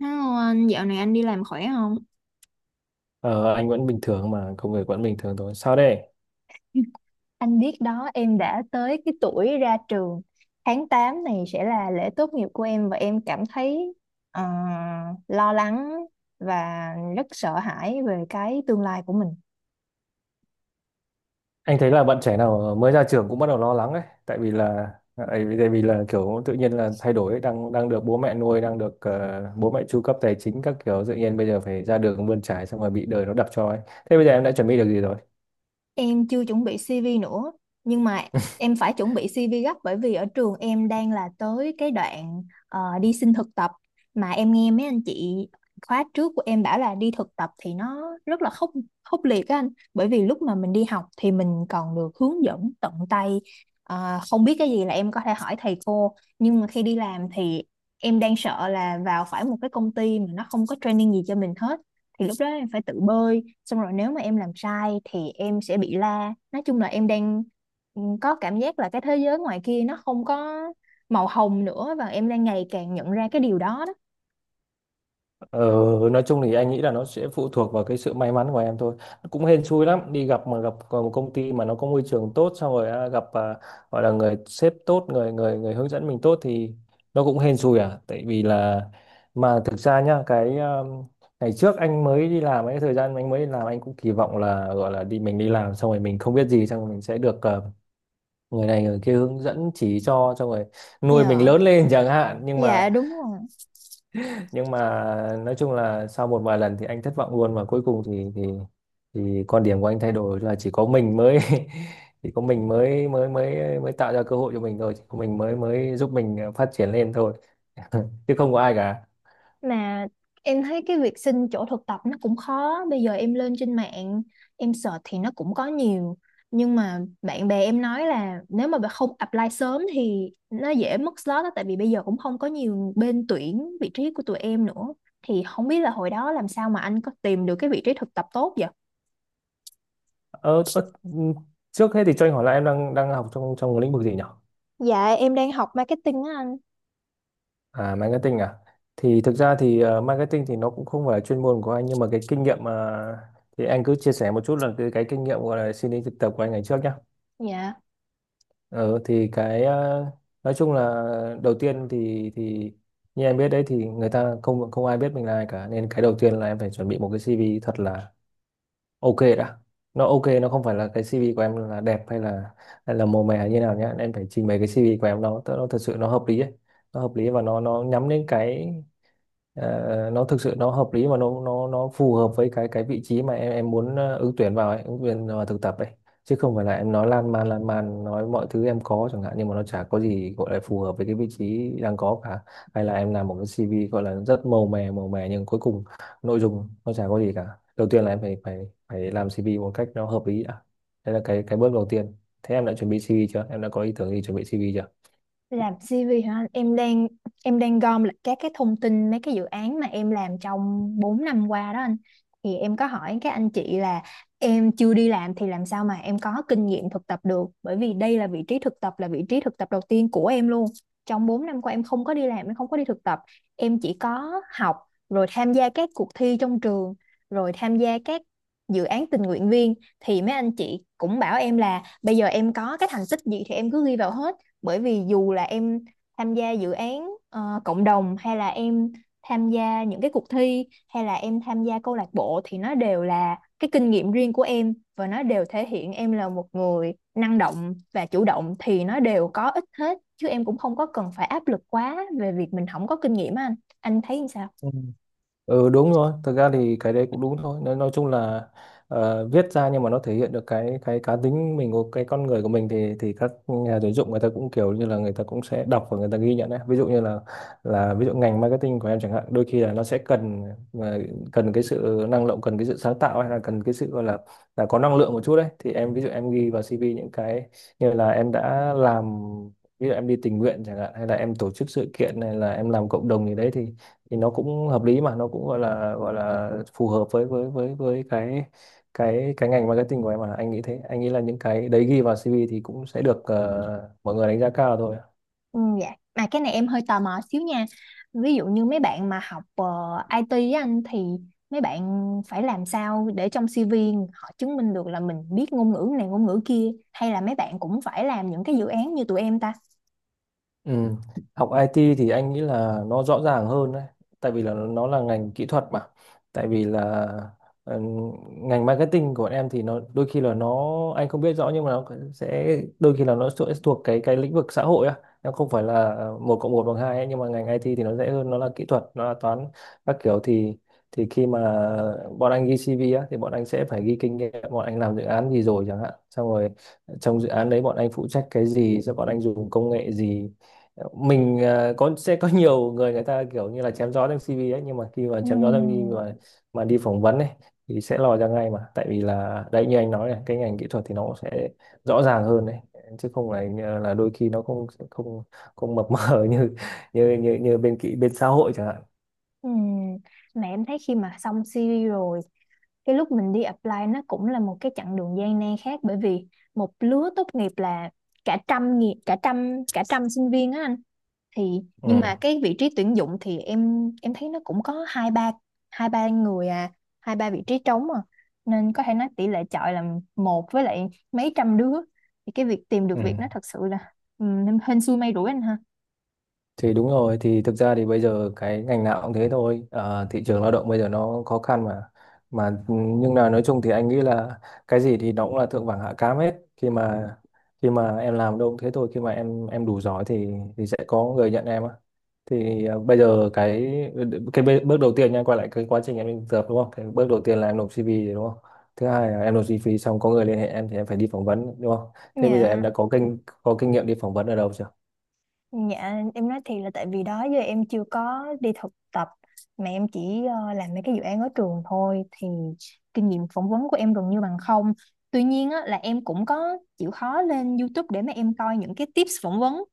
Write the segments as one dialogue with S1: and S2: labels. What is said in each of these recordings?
S1: Hello anh, dạo này anh đi làm khỏe không?
S2: Ờ, anh vẫn bình thường, mà công việc vẫn bình thường thôi sao đây.
S1: Anh biết đó, em đã tới cái tuổi ra trường. Tháng 8 này sẽ là lễ tốt nghiệp của em và em cảm thấy ờ, lo lắng và rất sợ hãi về cái tương lai của mình.
S2: Anh thấy là bạn trẻ nào mới ra trường cũng bắt đầu lo lắng ấy, tại vì là tại vì là kiểu tự nhiên là thay đổi ấy. Đang đang được bố mẹ nuôi, đang được bố mẹ chu cấp tài chính các kiểu, tự nhiên bây giờ phải ra đường bươn trải, xong rồi bị đời nó đập cho ấy. Thế bây giờ em đã chuẩn bị được gì rồi?
S1: Em chưa chuẩn bị CV nữa, nhưng mà em phải chuẩn bị CV gấp bởi vì ở trường em đang là tới cái đoạn đi xin thực tập, mà em nghe mấy anh chị khóa trước của em bảo là đi thực tập thì nó rất là khốc khốc liệt á anh, bởi vì lúc mà mình đi học thì mình còn được hướng dẫn tận tay. Không biết cái gì là em có thể hỏi thầy cô, nhưng mà khi đi làm thì em đang sợ là vào phải một cái công ty mà nó không có training gì cho mình hết, thì lúc đó em phải tự bơi, xong rồi nếu mà em làm sai thì em sẽ bị la. Nói chung là em đang có cảm giác là cái thế giới ngoài kia nó không có màu hồng nữa, và em đang ngày càng nhận ra cái điều đó đó.
S2: Ờ, nói chung thì anh nghĩ là nó sẽ phụ thuộc vào cái sự may mắn của em thôi. Cũng hên xui lắm, đi gặp mà gặp một công ty mà nó có môi trường tốt, xong rồi gặp, gọi là người sếp tốt, người người người hướng dẫn mình tốt thì nó cũng hên xui à. Tại vì là mà thực ra nhá, cái ngày trước anh mới đi làm, cái thời gian anh mới đi làm anh cũng kỳ vọng là gọi là đi, mình đi làm xong rồi mình không biết gì, xong rồi mình sẽ được người này người kia hướng dẫn chỉ cho, xong rồi nuôi mình
S1: Dạ,
S2: lớn lên chẳng hạn,
S1: dạ đúng rồi.
S2: nhưng mà nói chung là sau một vài lần thì anh thất vọng luôn, và cuối cùng thì thì quan điểm của anh thay đổi là chỉ có mình mới chỉ có mình mới mới tạo ra cơ hội cho mình thôi, chỉ có mình mới mới giúp mình phát triển lên thôi chứ không có ai cả.
S1: Mà em thấy cái việc xin chỗ thực tập nó cũng khó. Bây giờ em lên trên mạng em search thì nó cũng có nhiều, nhưng mà bạn bè em nói là nếu mà bạn không apply sớm thì nó dễ mất slot đó, tại vì bây giờ cũng không có nhiều bên tuyển vị trí của tụi em nữa. Thì không biết là hồi đó làm sao mà anh có tìm được cái vị trí thực tập tốt vậy?
S2: ờ, ờ, Trước hết thì cho anh hỏi là em đang đang học trong trong lĩnh vực gì nhỉ?
S1: Dạ em đang học marketing á anh.
S2: À, marketing à. Thì thực ra thì marketing thì nó cũng không phải là chuyên môn của anh, nhưng mà cái kinh nghiệm mà thì anh cứ chia sẻ một chút là cái kinh nghiệm gọi là xin đi thực tập của anh ngày trước nhé.
S1: Dạ,
S2: Ờ thì cái ờ, nói chung là đầu tiên thì như em biết đấy, thì người ta không không ai biết mình là ai cả, nên cái đầu tiên là em phải chuẩn bị một cái CV thật là ok đã. Nó ok, nó không phải là cái CV của em là đẹp hay là màu mè như nào nhá. Em phải trình bày cái CV của em nó thật sự nó hợp lý ấy. Nó hợp lý và nó nhắm đến cái nó thực sự nó hợp lý mà nó phù hợp với cái vị trí mà em muốn ứng tuyển vào ấy, ứng tuyển vào thực tập ấy, chứ không phải là em nói lan man nói mọi thứ em có chẳng hạn, nhưng mà nó chả có gì gọi là phù hợp với cái vị trí đang có cả, hay là em làm một cái CV gọi là rất màu mè nhưng cuối cùng nội dung nó chả có gì cả. Đầu tiên là em phải phải phải làm CV một cách nó hợp lý đã, đấy là cái bước đầu tiên. Thế em đã chuẩn bị CV chưa, em đã có ý tưởng gì chuẩn bị CV
S1: làm CV hả anh? Em đang gom lại các cái thông tin mấy cái dự án mà em làm trong 4 năm qua đó anh. Thì em có hỏi các anh chị là em chưa đi làm thì làm sao mà em có kinh nghiệm thực tập được, bởi vì đây là vị trí thực tập, là vị trí thực tập đầu tiên của em luôn. Trong 4 năm qua em không có đi làm, em không có đi thực tập, em chỉ có học, rồi tham gia các cuộc thi trong trường, rồi tham gia các dự án tình nguyện viên. Thì mấy anh chị cũng bảo em là bây giờ em có cái thành tích gì thì em cứ ghi vào hết, bởi vì dù là em tham gia dự án cộng đồng, hay là em tham gia những cái cuộc thi, hay là em tham gia câu lạc bộ, thì nó đều là cái kinh nghiệm riêng của em và nó đều thể hiện em là một người năng động và chủ động, thì nó đều có ích hết, chứ em cũng không có cần phải áp lực quá về việc mình không có kinh nghiệm á anh. Anh thấy sao?
S2: chưa? Ừ đúng rồi, thực ra thì cái đấy cũng đúng thôi. Nói chung là viết ra nhưng mà nó thể hiện được cái cá tính mình của cái con người của mình, thì các nhà tuyển dụng người ta cũng kiểu như là người ta cũng sẽ đọc và người ta ghi nhận đấy. Ví dụ như là ví dụ ngành marketing của em chẳng hạn, đôi khi là nó sẽ cần ờ, cần cái sự năng động, cần cái sự sáng tạo, hay là cần cái sự gọi là có năng lượng một chút đấy. Thì em, ví dụ em ghi vào CV những cái như là em đã làm, ví dụ em đi tình nguyện chẳng hạn, hay là em tổ chức sự kiện, này là em làm cộng đồng gì đấy, thì nó cũng hợp lý mà nó cũng gọi là phù hợp với với cái cái ngành marketing của em. Mà anh nghĩ thế, anh nghĩ là những cái đấy ghi vào CV thì cũng sẽ được mọi người đánh giá cao thôi.
S1: Ừ, dạ. Mà cái này em hơi tò mò xíu nha. Ví dụ như mấy bạn mà học IT á anh thì mấy bạn phải làm sao để trong CV họ chứng minh được là mình biết ngôn ngữ này ngôn ngữ kia, hay là mấy bạn cũng phải làm những cái dự án như tụi em ta?
S2: Ừ. Học IT thì anh nghĩ là nó rõ ràng hơn đấy, tại vì là nó là ngành kỹ thuật mà. Tại vì là ừ, ngành marketing của bọn em thì nó đôi khi là nó, anh không biết rõ, nhưng mà nó sẽ đôi khi là nó sẽ thuộc cái lĩnh vực xã hội á, nó không phải là một cộng một bằng hai ấy, nhưng mà ngành IT thì nó dễ hơn, nó là kỹ thuật, nó là toán các kiểu, thì khi mà bọn anh ghi CV á thì bọn anh sẽ phải ghi kinh nghiệm, bọn anh làm dự án gì rồi chẳng hạn, xong rồi trong dự án đấy bọn anh phụ trách cái gì, rồi bọn anh dùng công nghệ gì. Mình ờ, có sẽ có nhiều người, người ta kiểu như là chém gió trong CV ấy, nhưng mà khi mà chém gió trong CV
S1: Ừm,
S2: mà đi phỏng vấn ấy thì sẽ lòi ra ngay mà, tại vì là đấy, như anh nói này, cái ngành kỹ thuật thì nó cũng sẽ rõ ràng hơn đấy, chứ không phải như là đôi khi nó không không không mập mờ như như bên kỹ, bên xã hội chẳng hạn.
S1: ừm. Mà em thấy khi mà xong CV rồi, cái lúc mình đi apply nó cũng là một cái chặng đường gian nan khác, bởi vì một lứa tốt nghiệp là cả trăm nghi- cả trăm sinh viên á anh. Thì
S2: ừ,
S1: nhưng mà cái vị trí tuyển dụng thì em thấy nó cũng có hai ba người à, hai ba vị trí trống à, nên có thể nói tỷ lệ chọi là một với lại mấy trăm đứa. Thì cái việc tìm được
S2: ừ.
S1: việc nó thật sự là ừ, hên xui may rủi anh ha.
S2: Thì đúng rồi, thì thực ra thì bây giờ cái ngành nào cũng thế thôi. Ờ, thị trường lao động bây giờ nó khó khăn mà. Mà nhưng là nói chung thì anh nghĩ là cái gì thì nó cũng là thượng vàng hạ cám hết. Khi mà em làm đâu cũng thế thôi, khi mà em đủ giỏi thì sẽ có người nhận em á. Thì ờ, bây giờ cái bước đầu tiên nha, quay lại cái quá trình em đi thực tập đúng không? Cái bước đầu tiên là em nộp CV đúng không? Thứ hai là em nộp CV xong có người liên hệ em, thì em phải đi phỏng vấn đúng không? Thế bây giờ em
S1: Dạ.
S2: đã có có kinh nghiệm đi phỏng vấn ở đâu chưa?
S1: Dạ em nói thiệt là tại vì đó giờ em chưa có đi thực tập, mà em chỉ làm mấy cái dự án ở trường thôi, thì kinh nghiệm phỏng vấn của em gần như bằng không. Tuy nhiên á, là em cũng có chịu khó lên YouTube để mà em coi những cái tips phỏng vấn,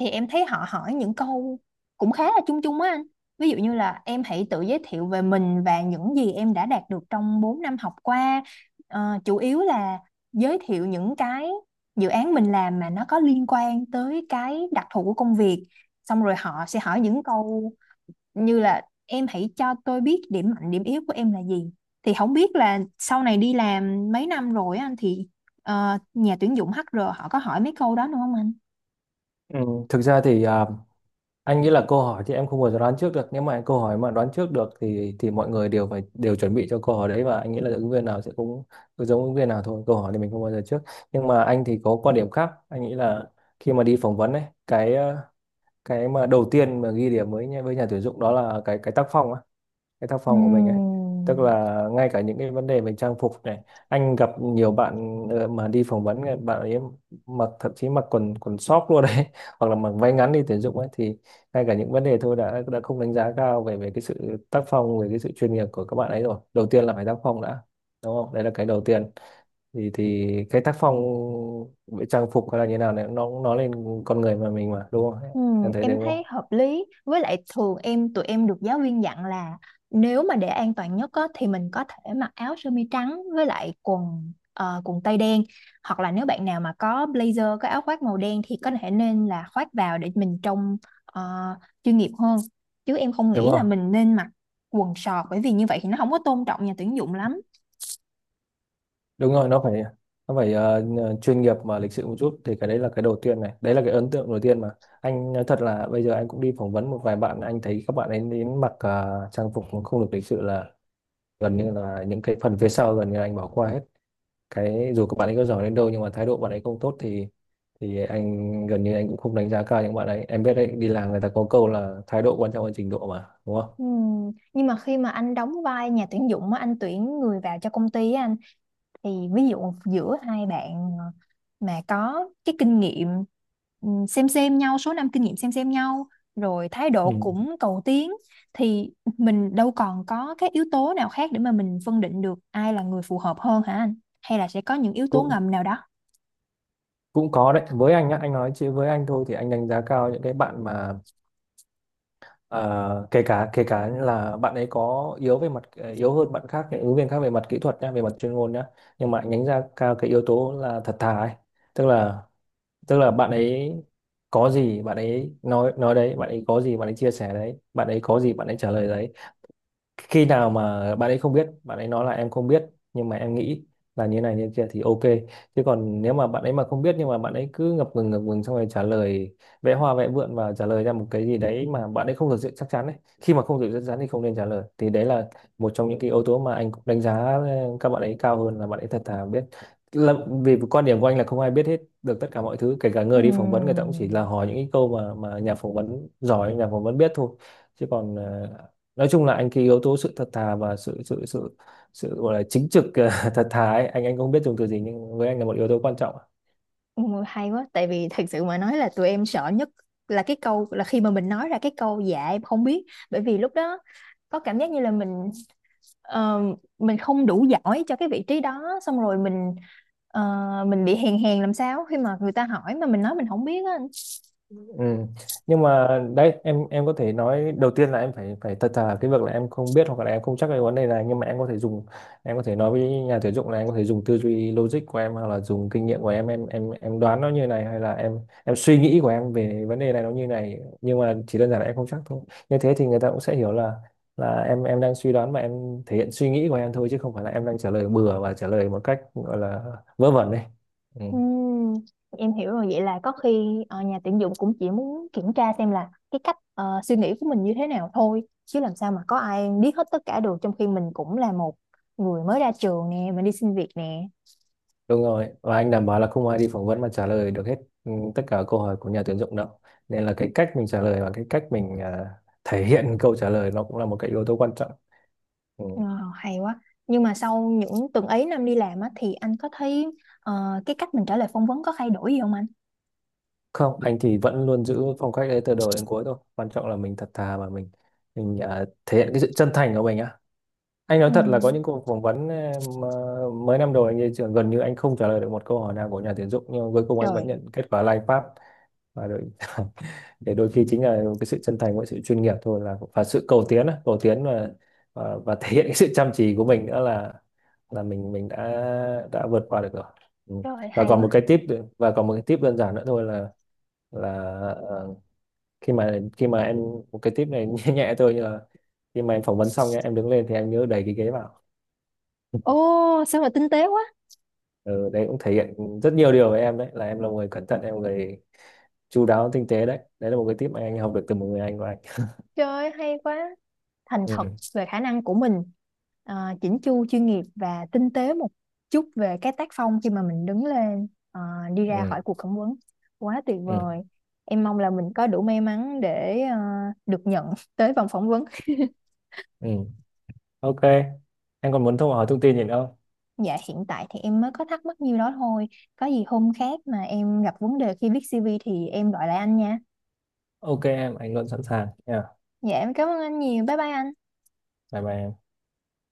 S1: thì em thấy họ hỏi những câu cũng khá là chung chung á anh. Ví dụ như là em hãy tự giới thiệu về mình và những gì em đã đạt được trong 4 năm học qua. Chủ yếu là giới thiệu những cái dự án mình làm mà nó có liên quan tới cái đặc thù của công việc, xong rồi họ sẽ hỏi những câu như là em hãy cho tôi biết điểm mạnh điểm yếu của em là gì. Thì không biết là sau này đi làm mấy năm rồi á anh, thì nhà tuyển dụng HR họ có hỏi mấy câu đó nữa không anh?
S2: Ừ, Thực ra thì anh nghĩ là câu hỏi thì em không bao giờ đoán trước được. Nếu mà câu hỏi mà đoán trước được thì mọi người đều phải đều chuẩn bị cho câu hỏi đấy, và anh nghĩ là ứng viên nào sẽ cũng cũng giống ứng viên nào thôi. Câu hỏi thì mình không bao giờ trước. Nhưng mà anh thì có quan điểm khác. Anh nghĩ là khi mà đi phỏng vấn ấy, cái mà đầu tiên mà ghi điểm với với nhà tuyển dụng đó là cái tác phong á, cái tác phong của mình ấy, tức
S1: Ừm.
S2: là ngay cả những cái vấn đề về trang phục này, anh gặp nhiều bạn mà đi phỏng vấn ấy, bạn ấy mặc, thậm chí mặc quần quần sóc luôn đấy, hoặc là mặc váy ngắn đi tuyển dụng ấy, thì ngay cả những vấn đề thôi đã không đánh giá cao về về cái sự tác phong, về cái sự chuyên nghiệp của các bạn ấy rồi. Đầu tiên là phải tác phong đã, đúng không, đấy là cái đầu tiên. Thì cái tác phong về trang phục hay là như nào này, nó cũng nói lên con người mình mà, đúng không?
S1: Ừ,
S2: Em thấy thế
S1: em
S2: đúng không?
S1: thấy hợp lý, với lại thường tụi em được giáo viên dặn là nếu mà để an toàn nhất á, thì mình có thể mặc áo sơ mi trắng với lại quần tây đen, hoặc là nếu bạn nào mà có blazer, có áo khoác màu đen, thì có thể nên là khoác vào để mình trông ờ, chuyên nghiệp hơn. Chứ em không
S2: Đúng
S1: nghĩ là
S2: rồi,
S1: mình nên mặc quần sọt, bởi vì như vậy thì nó không có tôn trọng nhà tuyển dụng lắm.
S2: đúng rồi, nó phải, nó phải chuyên nghiệp mà lịch sự một chút, thì cái đấy là cái đầu tiên này, đấy là cái ấn tượng đầu tiên mà. Anh nói thật là bây giờ anh cũng đi phỏng vấn một vài bạn, anh thấy các bạn ấy đến mặc trang phục mà không được lịch sự là gần như là những cái phần phía sau gần như là anh bỏ qua hết, cái dù các bạn ấy có giỏi đến đâu nhưng mà thái độ bạn ấy không tốt thì anh gần như anh cũng không đánh giá cao những bạn ấy. Em biết đấy, đi làm người ta có câu là thái độ quan trọng hơn trình độ mà, đúng không?
S1: Ừ, nhưng mà khi mà anh đóng vai nhà tuyển dụng á, anh tuyển người vào cho công ty á anh, thì ví dụ giữa hai bạn mà có cái kinh nghiệm xem nhau, số năm kinh nghiệm xem nhau, rồi thái độ
S2: Ừ.
S1: cũng cầu tiến, thì mình đâu còn có cái yếu tố nào khác để mà mình phân định được ai là người phù hợp hơn hả anh, hay là sẽ có những yếu tố
S2: cũng
S1: ngầm nào đó?
S2: cũng có đấy với anh nhá, anh nói chứ với anh thôi thì anh đánh giá cao những cái bạn mà kể cả là bạn ấy có yếu về mặt yếu hơn bạn khác, những ứng viên khác về mặt kỹ thuật nhá, về mặt chuyên môn nhá, nhưng mà nhánh ra cao cái yếu tố là thật thà ấy. Tức là tức là bạn ấy có gì bạn ấy nói đấy, bạn ấy có gì bạn ấy chia sẻ đấy, bạn ấy có gì bạn ấy trả lời đấy. Khi nào mà bạn ấy không biết, bạn ấy nói là em không biết nhưng mà em nghĩ là như này như kia thì ok, chứ còn nếu mà bạn ấy mà không biết nhưng mà bạn ấy cứ ngập ngừng xong rồi trả lời, vẽ hoa vẽ vượn và trả lời ra một cái gì đấy mà bạn ấy không thực sự chắc chắn ấy. Khi mà không thực sự chắc chắn thì không nên trả lời, thì đấy là một trong những cái yếu tố mà anh cũng đánh giá các bạn ấy cao hơn, là bạn ấy thật thà, biết là vì quan điểm của anh là không ai biết hết được tất cả mọi thứ, kể cả người đi phỏng vấn, người ta cũng chỉ là
S1: Ừm,
S2: hỏi những cái câu mà nhà phỏng vấn giỏi, nhà phỏng vấn biết thôi. Chứ còn nói chung là anh cái yếu tố sự thật thà và sự sự sự sự gọi là chính trực thật thà ấy, anh không biết dùng từ gì nhưng với anh là một yếu tố quan trọng.
S1: ôi, hay quá, tại vì thật sự mà nói là tụi em sợ nhất là cái câu là khi mà mình nói ra cái câu dạ em không biết, bởi vì lúc đó có cảm giác như là ờ, mình không đủ giỏi cho cái vị trí đó, xong rồi ờ, mình bị hèn hèn làm sao khi mà người ta hỏi mà mình nói mình không biết á.
S2: Ừ. Nhưng mà đấy, em có thể nói đầu tiên là em phải phải thật thà cái việc là em không biết hoặc là em không chắc cái vấn đề này, nhưng mà em có thể dùng, em có thể nói với nhà tuyển dụng là em có thể dùng tư duy logic của em hoặc là dùng kinh nghiệm của em đoán nó như này, hay là em suy nghĩ của em về vấn đề này nó như này, nhưng mà chỉ đơn giản là em không chắc thôi. Như thế thì người ta cũng sẽ hiểu là em đang suy đoán và em thể hiện suy nghĩ của em thôi, chứ không phải là em đang trả lời bừa và trả lời một cách gọi là vớ vẩn đấy.
S1: Ừm, em hiểu rồi, vậy là có khi nhà tuyển dụng cũng chỉ muốn kiểm tra xem là cái cách suy nghĩ của mình như thế nào thôi, chứ làm sao mà có ai biết hết tất cả được, trong khi mình cũng là một người mới ra trường nè, mình đi xin việc nè.
S2: Đúng rồi, và anh đảm bảo là không ai đi phỏng vấn mà trả lời được hết ừ, tất cả câu hỏi của nhà tuyển dụng đâu. Nên là cái cách mình trả lời và cái cách mình thể hiện câu trả lời nó cũng là một cái yếu tố quan trọng. Ừ.
S1: Ờ, hay quá, nhưng mà sau những tuần ấy năm đi làm á thì anh có thấy ờ, cái cách mình trả lời phỏng vấn có thay đổi gì không anh?
S2: Không, anh thì vẫn luôn giữ phong cách đấy từ đầu đến cuối thôi. Quan trọng là mình thật thà và mình thể hiện cái sự chân thành của mình á. Anh nói thật
S1: Ừ.
S2: là có những cuộc phỏng vấn mà mấy năm đầu anh đi trường gần như anh không trả lời được một câu hỏi nào của nhà tuyển dụng, nhưng mà cuối cùng anh vẫn
S1: Trời.
S2: nhận kết quả là anh pass. Và đôi, để đôi khi chính là cái sự chân thành với sự chuyên nghiệp thôi, là và sự cầu tiến á, cầu tiến và, và thể hiện cái sự chăm chỉ của mình nữa, là mình đã vượt qua được rồi. Ừ.
S1: Trời
S2: Và
S1: hay
S2: còn một
S1: quá.
S2: cái tip, và còn một cái tip đơn giản nữa thôi là là ờ, khi mà em, một cái tip này nhẹ nhẹ thôi, như là khi mà em phỏng vấn xong nhá, em đứng lên thì em nhớ đẩy cái ghế vào.
S1: Ô, sao mà tinh tế quá.
S2: Ừ, đấy cũng thể hiện rất nhiều điều với em đấy, là em là một người cẩn thận, em là một người chu đáo, tinh tế đấy. Đấy là một cái tip mà anh học được từ một người anh của anh.
S1: Trời ơi, hay quá. Thành thật
S2: Ừ.
S1: về khả năng của mình, à, chỉnh chu chuyên nghiệp và tinh tế một chút về cái tác phong khi mà mình đứng lên, à, đi ra
S2: Ừ.
S1: khỏi cuộc phỏng vấn. Quá tuyệt
S2: Ừ.
S1: vời. Em mong là mình có đủ may mắn để à, được nhận tới vòng phỏng vấn.
S2: Ừ. Ok em, còn muốn thông hỏi thông tin gì nữa không?
S1: Dạ hiện tại thì em mới có thắc mắc nhiêu đó thôi. Có gì hôm khác mà em gặp vấn đề khi viết CV thì em gọi lại anh nha.
S2: Ok em, anh luôn sẵn sàng nha.
S1: Dạ em cảm ơn anh nhiều. Bye bye anh.
S2: Bye bye em.